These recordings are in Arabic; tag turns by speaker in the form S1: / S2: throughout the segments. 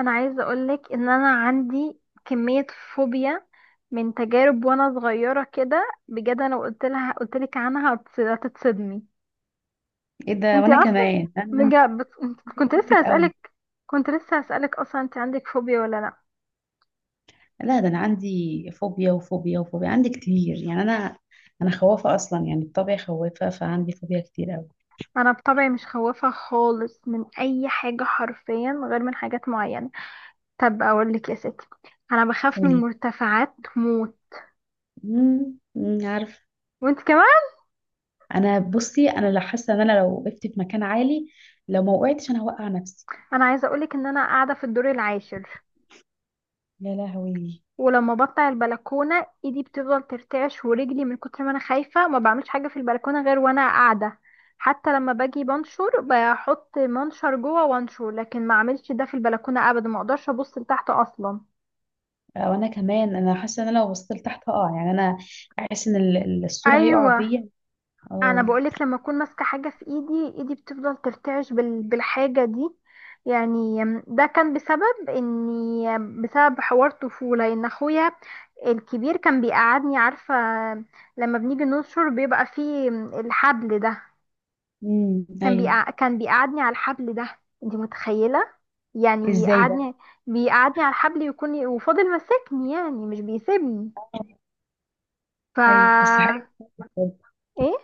S1: انا عايزه اقولك ان انا عندي كميه فوبيا من تجارب وانا صغيره كده بجد، انا لو قلت لك عنها هتتصدمي.
S2: ايه ده؟
S1: انت
S2: وانا
S1: اصلا،
S2: كمان انا عندي
S1: بجد
S2: فوبيا كتير قوي.
S1: كنت لسه هسالك اصلا، انت عندك فوبيا ولا لا؟
S2: لا، ده انا عندي فوبيا وفوبيا وفوبيا، عندي كتير، يعني انا خوافه اصلا، يعني بطبعي خوافه، فعندي فوبيا كتير قوي.
S1: انا بطبعي مش خوافه خالص من اي حاجه حرفيا، غير من حاجات معينه. طب اقول لك يا ستي، انا بخاف من
S2: قولي.
S1: مرتفعات موت.
S2: امم. عارف.
S1: وانت كمان؟
S2: بصي، انا لا، حاسه ان انا لو وقفت في مكان عالي لو ما وقعتش انا هوقع نفسي.
S1: انا عايزه اقولك ان انا قاعده في الدور العاشر،
S2: يا لهوي.
S1: ولما بطلع البلكونه ايدي بتفضل ترتعش ورجلي من كتر ما انا خايفه، ما بعملش حاجه في البلكونه غير وانا قاعده. حتى لما باجي بنشر بحط منشر جوه وانشر، لكن ما اعملش ده في البلكونه ابدا، ما اقدرش ابص لتحت اصلا.
S2: آه، وانا كمان انا حاسه ان انا لو بصيت لتحت هقع، يعني انا احس ان السور هيقع
S1: ايوه،
S2: بيا.
S1: انا
S2: اه.
S1: بقولك لما اكون ماسكه حاجه في ايدي، ايدي بتفضل ترتعش بالحاجه دي. يعني ده كان بسبب حوار طفوله، ان اخويا الكبير كان بيقعدني، عارفة؟ لما بنيجي ننشر بيبقى فيه الحبل ده،
S2: امم، ايوه.
S1: كان بيقعدني على الحبل ده، انت متخيلة؟ يعني
S2: ازاي ده؟
S1: يقعدني، بيقعدني على الحبل، يكون وفضل ماسكني، يعني مش بيسيبني. ف
S2: ايوه، بس حاجه،
S1: ايه،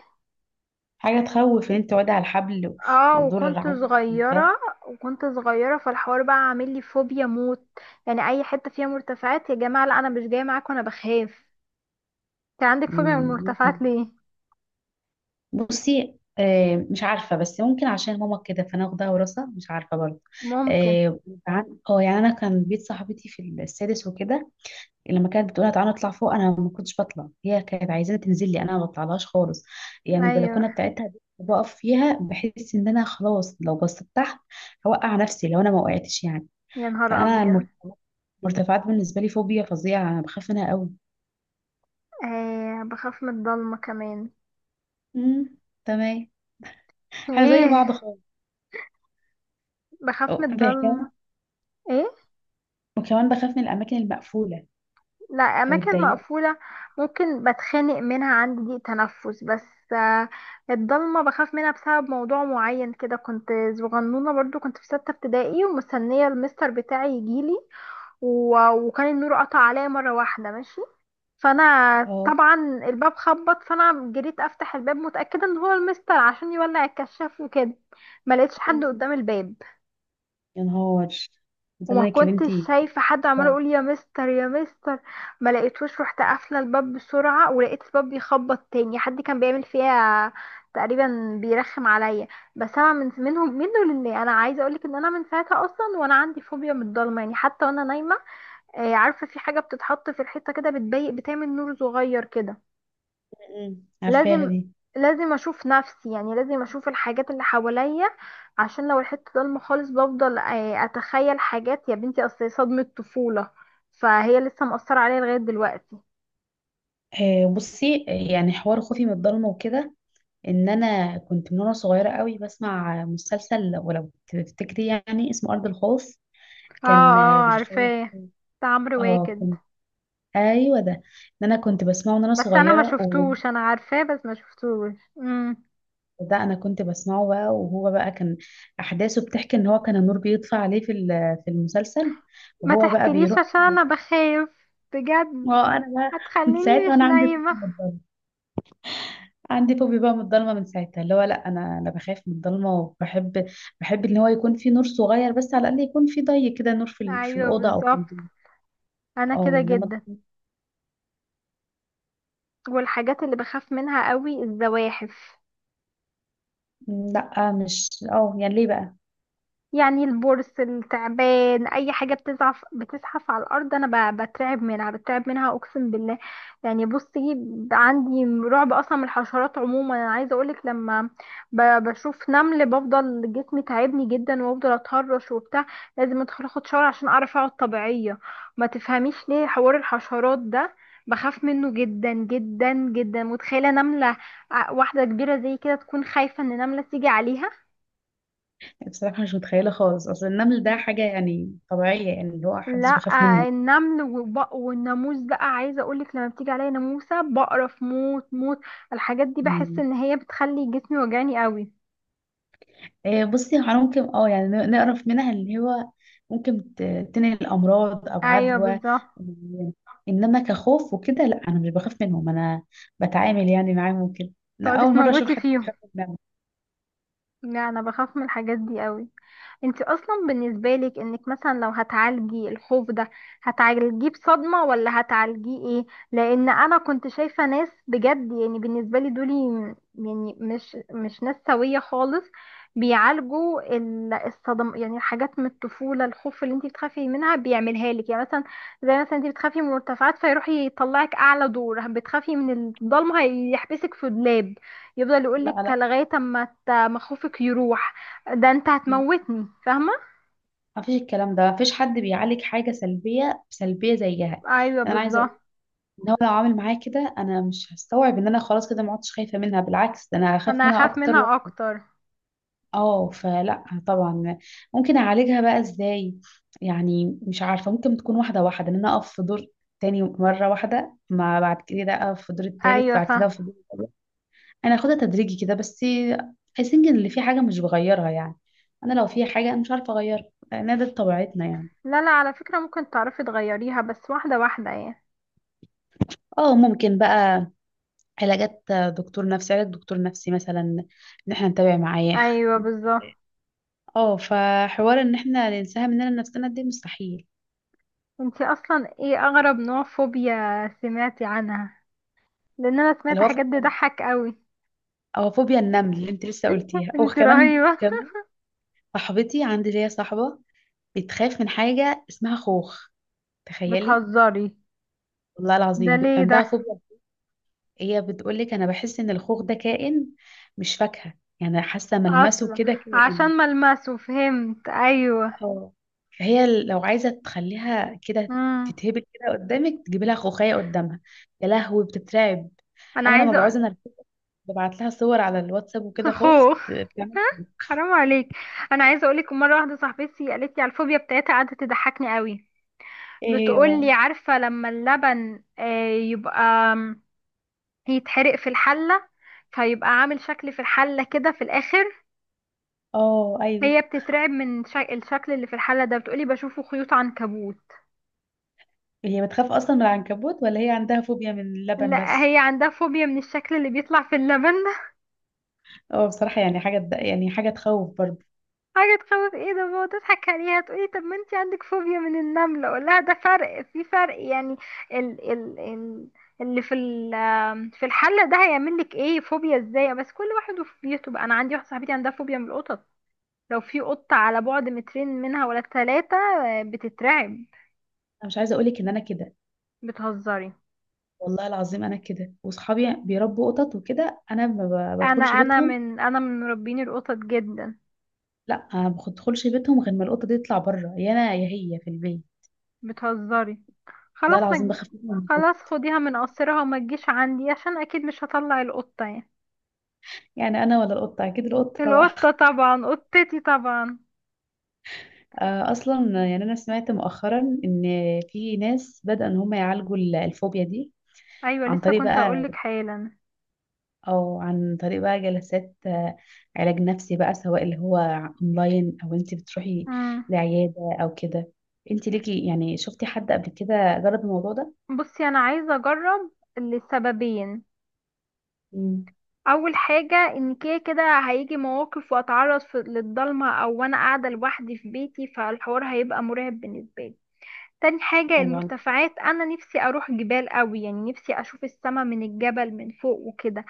S2: حاجة تخوف ان انت واقع على الحبل
S1: اه،
S2: وتضر العين ده.
S1: وكنت صغيرة فالحوار بقى عامل لي فوبيا موت. يعني اي حتة فيها مرتفعات يا جماعة، لا انا مش جاية معاكم، انا بخاف. انت عندك فوبيا من
S2: مم. ممكن.
S1: المرتفعات ليه؟
S2: بصي مش عارفة، بس ممكن عشان ماما كده فانا واخدها وراثة، مش عارفة برضه.
S1: ممكن.
S2: اه. يعني انا كان بيت صاحبتي في السادس وكده، لما كانت بتقول لها تعالى نطلع فوق انا ما كنتش بطلع، هي كانت عايزاني تنزل لي، انا ما بطلعلهاش خالص. يعني
S1: ايوه،
S2: البلكونة بتاعتها دي بقف فيها بحس ان انا خلاص لو بصيت تحت هوقع نفسي لو انا ما وقعتش يعني.
S1: يا نهار
S2: فانا
S1: ابيض.
S2: المرتفعات، المرتفعات بالنسبة لي فوبيا فظيعة، انا بخاف منها قوي.
S1: آه، بخاف من الضلمة كمان.
S2: امم. تمام. احنا زي
S1: ايه.
S2: بعض خالص.
S1: بخاف من
S2: اه،
S1: الضلمة.
S2: بحكاية.
S1: ايه.
S2: وكمان بخاف من الاماكن المقفوله
S1: لا،
S2: او
S1: اماكن
S2: الضيقه.
S1: مقفولة ممكن بتخانق منها، عندي ضيق تنفس، بس آه، الضلمة بخاف منها بسبب موضوع معين كده. كنت صغنونة برضو، كنت في 6 ابتدائي ومستنية المستر بتاعي يجيلي، وكان النور قطع عليا مرة واحدة. ماشي، فانا
S2: اه.
S1: طبعا، الباب خبط، فانا جريت افتح الباب متأكدة ان هو المستر عشان يولع الكشاف وكده. ما لقيتش حد
S2: مم.
S1: قدام الباب،
S2: يا نهار.
S1: وما
S2: زمانك يا
S1: كنتش
S2: بنتي.
S1: شايفة حد، عمال
S2: آه.
S1: يقول يا مستر يا مستر، ما لقيتوش. رحت قافلة الباب بسرعة ولقيت الباب بيخبط تاني، حد كان بيعمل فيها تقريبا، بيرخم عليا. بس انا من منه منه لله، انا عايزه اقولك ان انا من ساعتها اصلا وانا عندي فوبيا من الضلمه، يعني حتى وانا نايمه، عارفه في حاجه بتتحط في الحيطه كده بتضيق، بتعمل نور صغير كده.
S2: مم. عارفاها
S1: لازم
S2: دي.
S1: لازم اشوف نفسي، يعني لازم اشوف الحاجات اللي حواليا، عشان لو الحته ضلمه خالص بفضل اتخيل حاجات، يا بنتي، اصل هي صدمه طفوله، فهي لسه مأثره عليا لغايه دلوقتي.
S2: آه، بصي يعني حوار خوفي من الضلمه وكده، ان انا كنت من وانا صغيره قوي بسمع مسلسل، ولو تفتكري يعني اسمه ارض الخوف،
S1: اه
S2: كان
S1: اه،
S2: بيخوف.
S1: عارفاه، بتاع عمرو
S2: اه
S1: واكد؟
S2: كنت. ايوه ده، ان انا كنت بسمعه من وانا
S1: بس انا ما
S2: صغيره.
S1: شفتوش، انا عارفاه بس ما شفتوش. امم.
S2: ده انا كنت بسمعه بقى، وهو بقى كان احداثه بتحكي ان هو كان النور بيطفى عليه في في المسلسل،
S1: ما
S2: وهو بقى
S1: تحكيليش
S2: بيروح.
S1: عشان انا بخاف بجد،
S2: اه، انا بقى من
S1: هتخليني
S2: ساعتها
S1: مش
S2: انا عندي فوبيا
S1: نايمه.
S2: من الضلمه. عندي فوبيا بقى من الضلمه من ساعتها، اللي هو لا، انا بخاف من الضلمه، وبحب، بحب ان هو يكون في نور صغير، بس على الاقل يكون في ضي كده، نور في في
S1: ايوه
S2: الاوضه او في
S1: بالظبط،
S2: البيت.
S1: انا
S2: اه.
S1: كده
S2: انما
S1: جدا. والحاجات اللي بخاف منها قوي الزواحف،
S2: لا، مش يعني ليه بقى؟
S1: يعني البرص، التعبان، اي حاجه بتزعف بتزحف على الارض انا بترعب منها، بترعب منها اقسم بالله. يعني بصي، عندي رعب اصلا من الحشرات عموما. انا عايزه اقولك لما بشوف نمل بفضل جسمي تعبني جدا وافضل اتهرش وبتاع، لازم ادخل اخد شاور عشان اعرف اقعد طبيعيه. ما تفهميش ليه حوار الحشرات ده، بخاف منه جدا جدا جدا. متخيله نمله واحده كبيره زي كده تكون خايفه ان نمله تيجي عليها.
S2: بصراحه مش متخيله خالص، اصل النمل ده حاجه يعني طبيعيه، يعني اللي هو محدش
S1: لا،
S2: بيخاف
S1: النمل والبق والناموس بقى، عايزه اقولك لما بتيجي عليا ناموسه بقرف موت موت، الحاجات دي بحس
S2: منه.
S1: ان هي بتخلي جسمي وجعني قوي.
S2: آه، بصي هو ممكن اه، يعني نعرف منها اللي هو ممكن تنقل امراض او
S1: ايوه
S2: عدوى.
S1: بالظبط،
S2: و- انما كخوف وكده لا، انا مش بخاف منهم، انا بتعامل يعني معاهم وكده. لا،
S1: تقعدي
S2: اول مره اشوف
S1: تموتي
S2: حد
S1: فيهم.
S2: بيخاف منهم.
S1: لا، انا بخاف من الحاجات دي قوي. انت اصلا بالنسبه لك، انك مثلا لو هتعالجي الخوف ده هتعالجيه بصدمه ولا هتعالجيه ايه؟ لان انا كنت شايفه ناس، بجد يعني بالنسبه لي دول يعني مش ناس سويه خالص، بيعالجوا الصدم، يعني حاجات من الطفوله، الخوف اللي انت بتخافي منها بيعملها لك، يعني مثلا، زي مثلا انت بتخافي من المرتفعات فيروح يطلعك اعلى دور، بتخافي من الضلمه هيحبسك في دولاب، يفضل
S2: لا
S1: يقولك
S2: لا،
S1: لغايه اما ما خوفك يروح. ده انت هتموتني، فاهمة؟
S2: ما فيش الكلام ده، ما فيش حد بيعالج حاجه سلبيه سلبيه زيها يعني.
S1: ايوه
S2: انا عايزه اقول
S1: بالظبط،
S2: ان هو لو عامل معايا كده انا مش هستوعب ان انا خلاص كده ما عدتش خايفه منها، بالعكس ده انا هخاف
S1: انا
S2: منها
S1: هخاف
S2: اكتر.
S1: منها اكتر.
S2: اه، فلا طبعا. ممكن اعالجها بقى ازاي؟ يعني مش عارفه، ممكن تكون واحده واحده، ان انا اقف في دور تاني مره واحده، ما بعد كده اقف في الدور التالت،
S1: ايوه
S2: بعد كده
S1: فاهمة.
S2: أقف في الدور الرابع. انا هاخدها تدريجي كده بس. I think ان اللي في حاجه مش بغيرها يعني، انا لو في حاجه انا مش عارفه اغيرها لان ده طبيعتنا يعني.
S1: لا لا، على فكرة ممكن تعرفي تغيريها، بس واحدة واحدة يعني.
S2: اه، ممكن بقى علاجات دكتور نفسي، علاج دكتور نفسي مثلا، ان احنا نتابع معاه.
S1: ايوه بالظبط.
S2: اه، فحوار ان احنا ننساها مننا نفسنا دي مستحيل.
S1: انتي اصلا ايه اغرب نوع فوبيا سمعتي عنها؟ لان انا
S2: اللي
S1: سمعت
S2: هو
S1: حاجات تضحك قوي.
S2: او فوبيا النمل اللي انت لسه قلتيها، او
S1: انتي
S2: كمان.
S1: رهيبة،
S2: كمان صاحبتي، عندي ليا صاحبه بتخاف من حاجه اسمها خوخ، تخيلي.
S1: بتهزري؟
S2: والله
S1: ده
S2: العظيم بيبقى
S1: ليه ده؟
S2: عندها فوبيا. هي بتقول لك انا بحس ان الخوخ ده كائن، مش فاكهه، يعني حاسه ملمسه
S1: اصلا
S2: كده كائن.
S1: عشان ملمسه، فهمت، ايوه.
S2: اه. فهي لو عايزه تخليها كده
S1: امم.
S2: تتهبل كده قدامك، تجيبي لها خوخيه قدامها، يا لهوي بتترعب.
S1: انا
S2: انا لما بعوز
S1: عايزة.
S2: انا ببعت لها صور على الواتساب وكده خوخ،
S1: اخوه؟
S2: بتعمل.
S1: ها؟ حرام عليك. انا عايزه اقولك، مره واحده صاحبتي قالت لي على الفوبيا بتاعتها قعدت تضحكني قوي.
S2: ايه هي
S1: بتقول لي،
S2: بقى؟
S1: عارفه لما اللبن يبقى آم، يتحرق في الحله، فيبقى عامل شكل في الحله كده في الاخر.
S2: اه ايوه.
S1: هي بتترعب من الشكل اللي في الحله ده، بتقولي بشوفه خيوط عنكبوت.
S2: هي بتخاف اصلا من العنكبوت، ولا هي عندها فوبيا من اللبن
S1: لا،
S2: بس؟
S1: هي عندها فوبيا من الشكل اللي بيطلع في اللبن.
S2: اه، بصراحه يعني يعني حاجه تخوف برضه.
S1: حاجة تخوف ايه ده؟ بابا تضحك عليها، تقولي طب ما انتي عندك فوبيا من النملة، اقول لها ده فرق في فرق يعني. ال ال ال اللي في ال في الحلة ده هيعمل لك ايه؟ فوبيا ازاي؟ بس كل واحد وفوبيته بقى. انا عندي واحدة صاحبتي عندها فوبيا من القطط، لو في قطة على بعد 2 متر منها ولا 3 بتترعب.
S2: انا مش عايزه اقولك ان انا كده،
S1: بتهزري؟
S2: والله العظيم انا كده، واصحابي بيربوا قطط وكده انا ما ب-
S1: انا
S2: بدخلش
S1: انا
S2: بيتهم.
S1: من انا من مربين القطط جدا.
S2: لا، ما بدخلش بيتهم غير ما القطه دي تطلع بره، يا انا يا هي في البيت.
S1: بتهزري؟
S2: والله
S1: خلاص ما
S2: العظيم
S1: تج-
S2: بخاف منهم.
S1: خلاص خديها من قصرها وما تجيش عندي، عشان اكيد مش هطلع القطة يعني.
S2: يعني انا ولا القطه؟ اكيد القطه طبعا.
S1: القطة طبعا، قطتي طبعا.
S2: آه، اصلا يعني انا سمعت مؤخرا ان في ناس بدأوا ان هم يعالجوا الفوبيا دي
S1: ايوه،
S2: عن
S1: لسه
S2: طريق
S1: كنت اقولك
S2: بقى،
S1: حالا.
S2: او عن طريق بقى جلسات آه، علاج نفسي بقى، سواء اللي هو اونلاين او انت بتروحي
S1: مم.
S2: لعيادة او كده. انت ليكي يعني شفتي حد قبل كده جرب الموضوع ده؟
S1: بصي، انا عايزه اجرب لسببين:
S2: امم،
S1: اول حاجه ان كده كده هيجي مواقف واتعرض للضلمه، او وانا قاعده لوحدي في بيتي فالحوار هيبقى مرعب بالنسبه لي. تاني حاجة
S2: ايوه.
S1: المرتفعات، أنا نفسي أروح جبال قوي، يعني نفسي أشوف السما من الجبل من فوق وكده.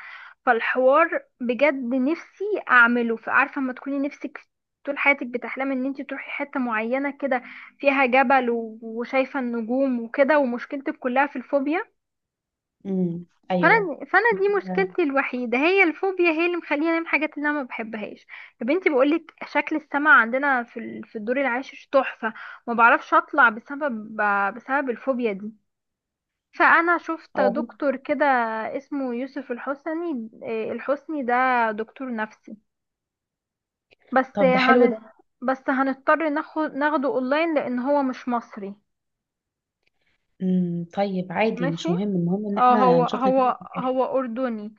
S1: فالحوار بجد نفسي أعمله، فعارفة، ما تكوني نفسك طول حياتك بتحلمي إن انتي تروحي حتة معينة كده فيها جبل وشايفة النجوم وكده، ومشكلتك كلها في الفوبيا.
S2: امم، ايوه.
S1: فأنا دي
S2: آه.
S1: مشكلتي الوحيدة، هي الفوبيا، هي اللي مخليني أعمل حاجات اللي أنا ما بحبهاش. يا بنتي، بقولك شكل السما عندنا في الدور العاشر تحفة، ما بعرفش أطلع بسبب الفوبيا دي. فأنا شفت
S2: هو برضه-
S1: دكتور كده، اسمه يوسف الحسني، ده دكتور نفسي. بس
S2: طب ده حلو
S1: هن
S2: ده.
S1: بس هنضطر ناخده اونلاين، لان هو مش مصري.
S2: امم، طيب عادي،
S1: ماشي.
S2: مش مهم، المهم ان
S1: اه
S2: احنا نشوف نتيجة في الاخر.
S1: هو اردني.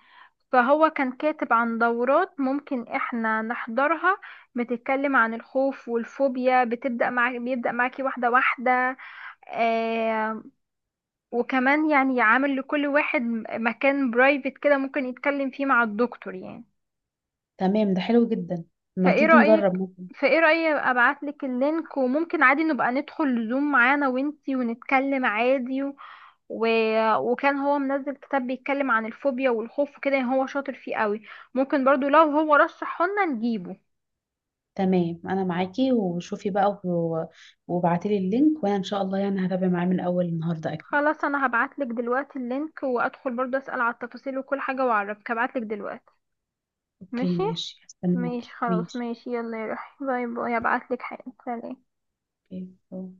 S1: فهو كان كاتب عن دورات ممكن احنا نحضرها، بتتكلم عن الخوف والفوبيا، بتبدأ معاك بيبدأ معاكي واحدة واحدة. آه. وكمان يعني عامل لكل واحد مكان برايفت كده، ممكن يتكلم فيه مع الدكتور يعني.
S2: تمام ده حلو جدا. ما
S1: فايه
S2: تيجي نجرب،
S1: رأيك
S2: ممكن.
S1: فايه رأيك ابعت لك اللينك، وممكن عادي نبقى ندخل زوم معانا وانتي ونتكلم عادي، وكان هو منزل كتاب بيتكلم عن الفوبيا والخوف وكده، يعني هو شاطر فيه قوي. ممكن برضو لو هو رشحه لنا نجيبه.
S2: تمام، انا معاكي وشوفي بقى وابعتيلي اللينك، وانا ان شاء الله يعني هتابع معاه من اول النهارده.
S1: خلاص انا هبعت لك دلوقتي اللينك، وادخل برضو اسأل على التفاصيل وكل حاجة واعرفك، هبعت لك دلوقتي.
S2: اوكي
S1: ماشي،
S2: ماشي،
S1: ماشي،
S2: هستناكي،
S1: خلاص،
S2: ماشي.
S1: ماشي، يلا يا روحي، باي باي، هبعت لك حاجة، سلام.
S2: اوكي. أوه.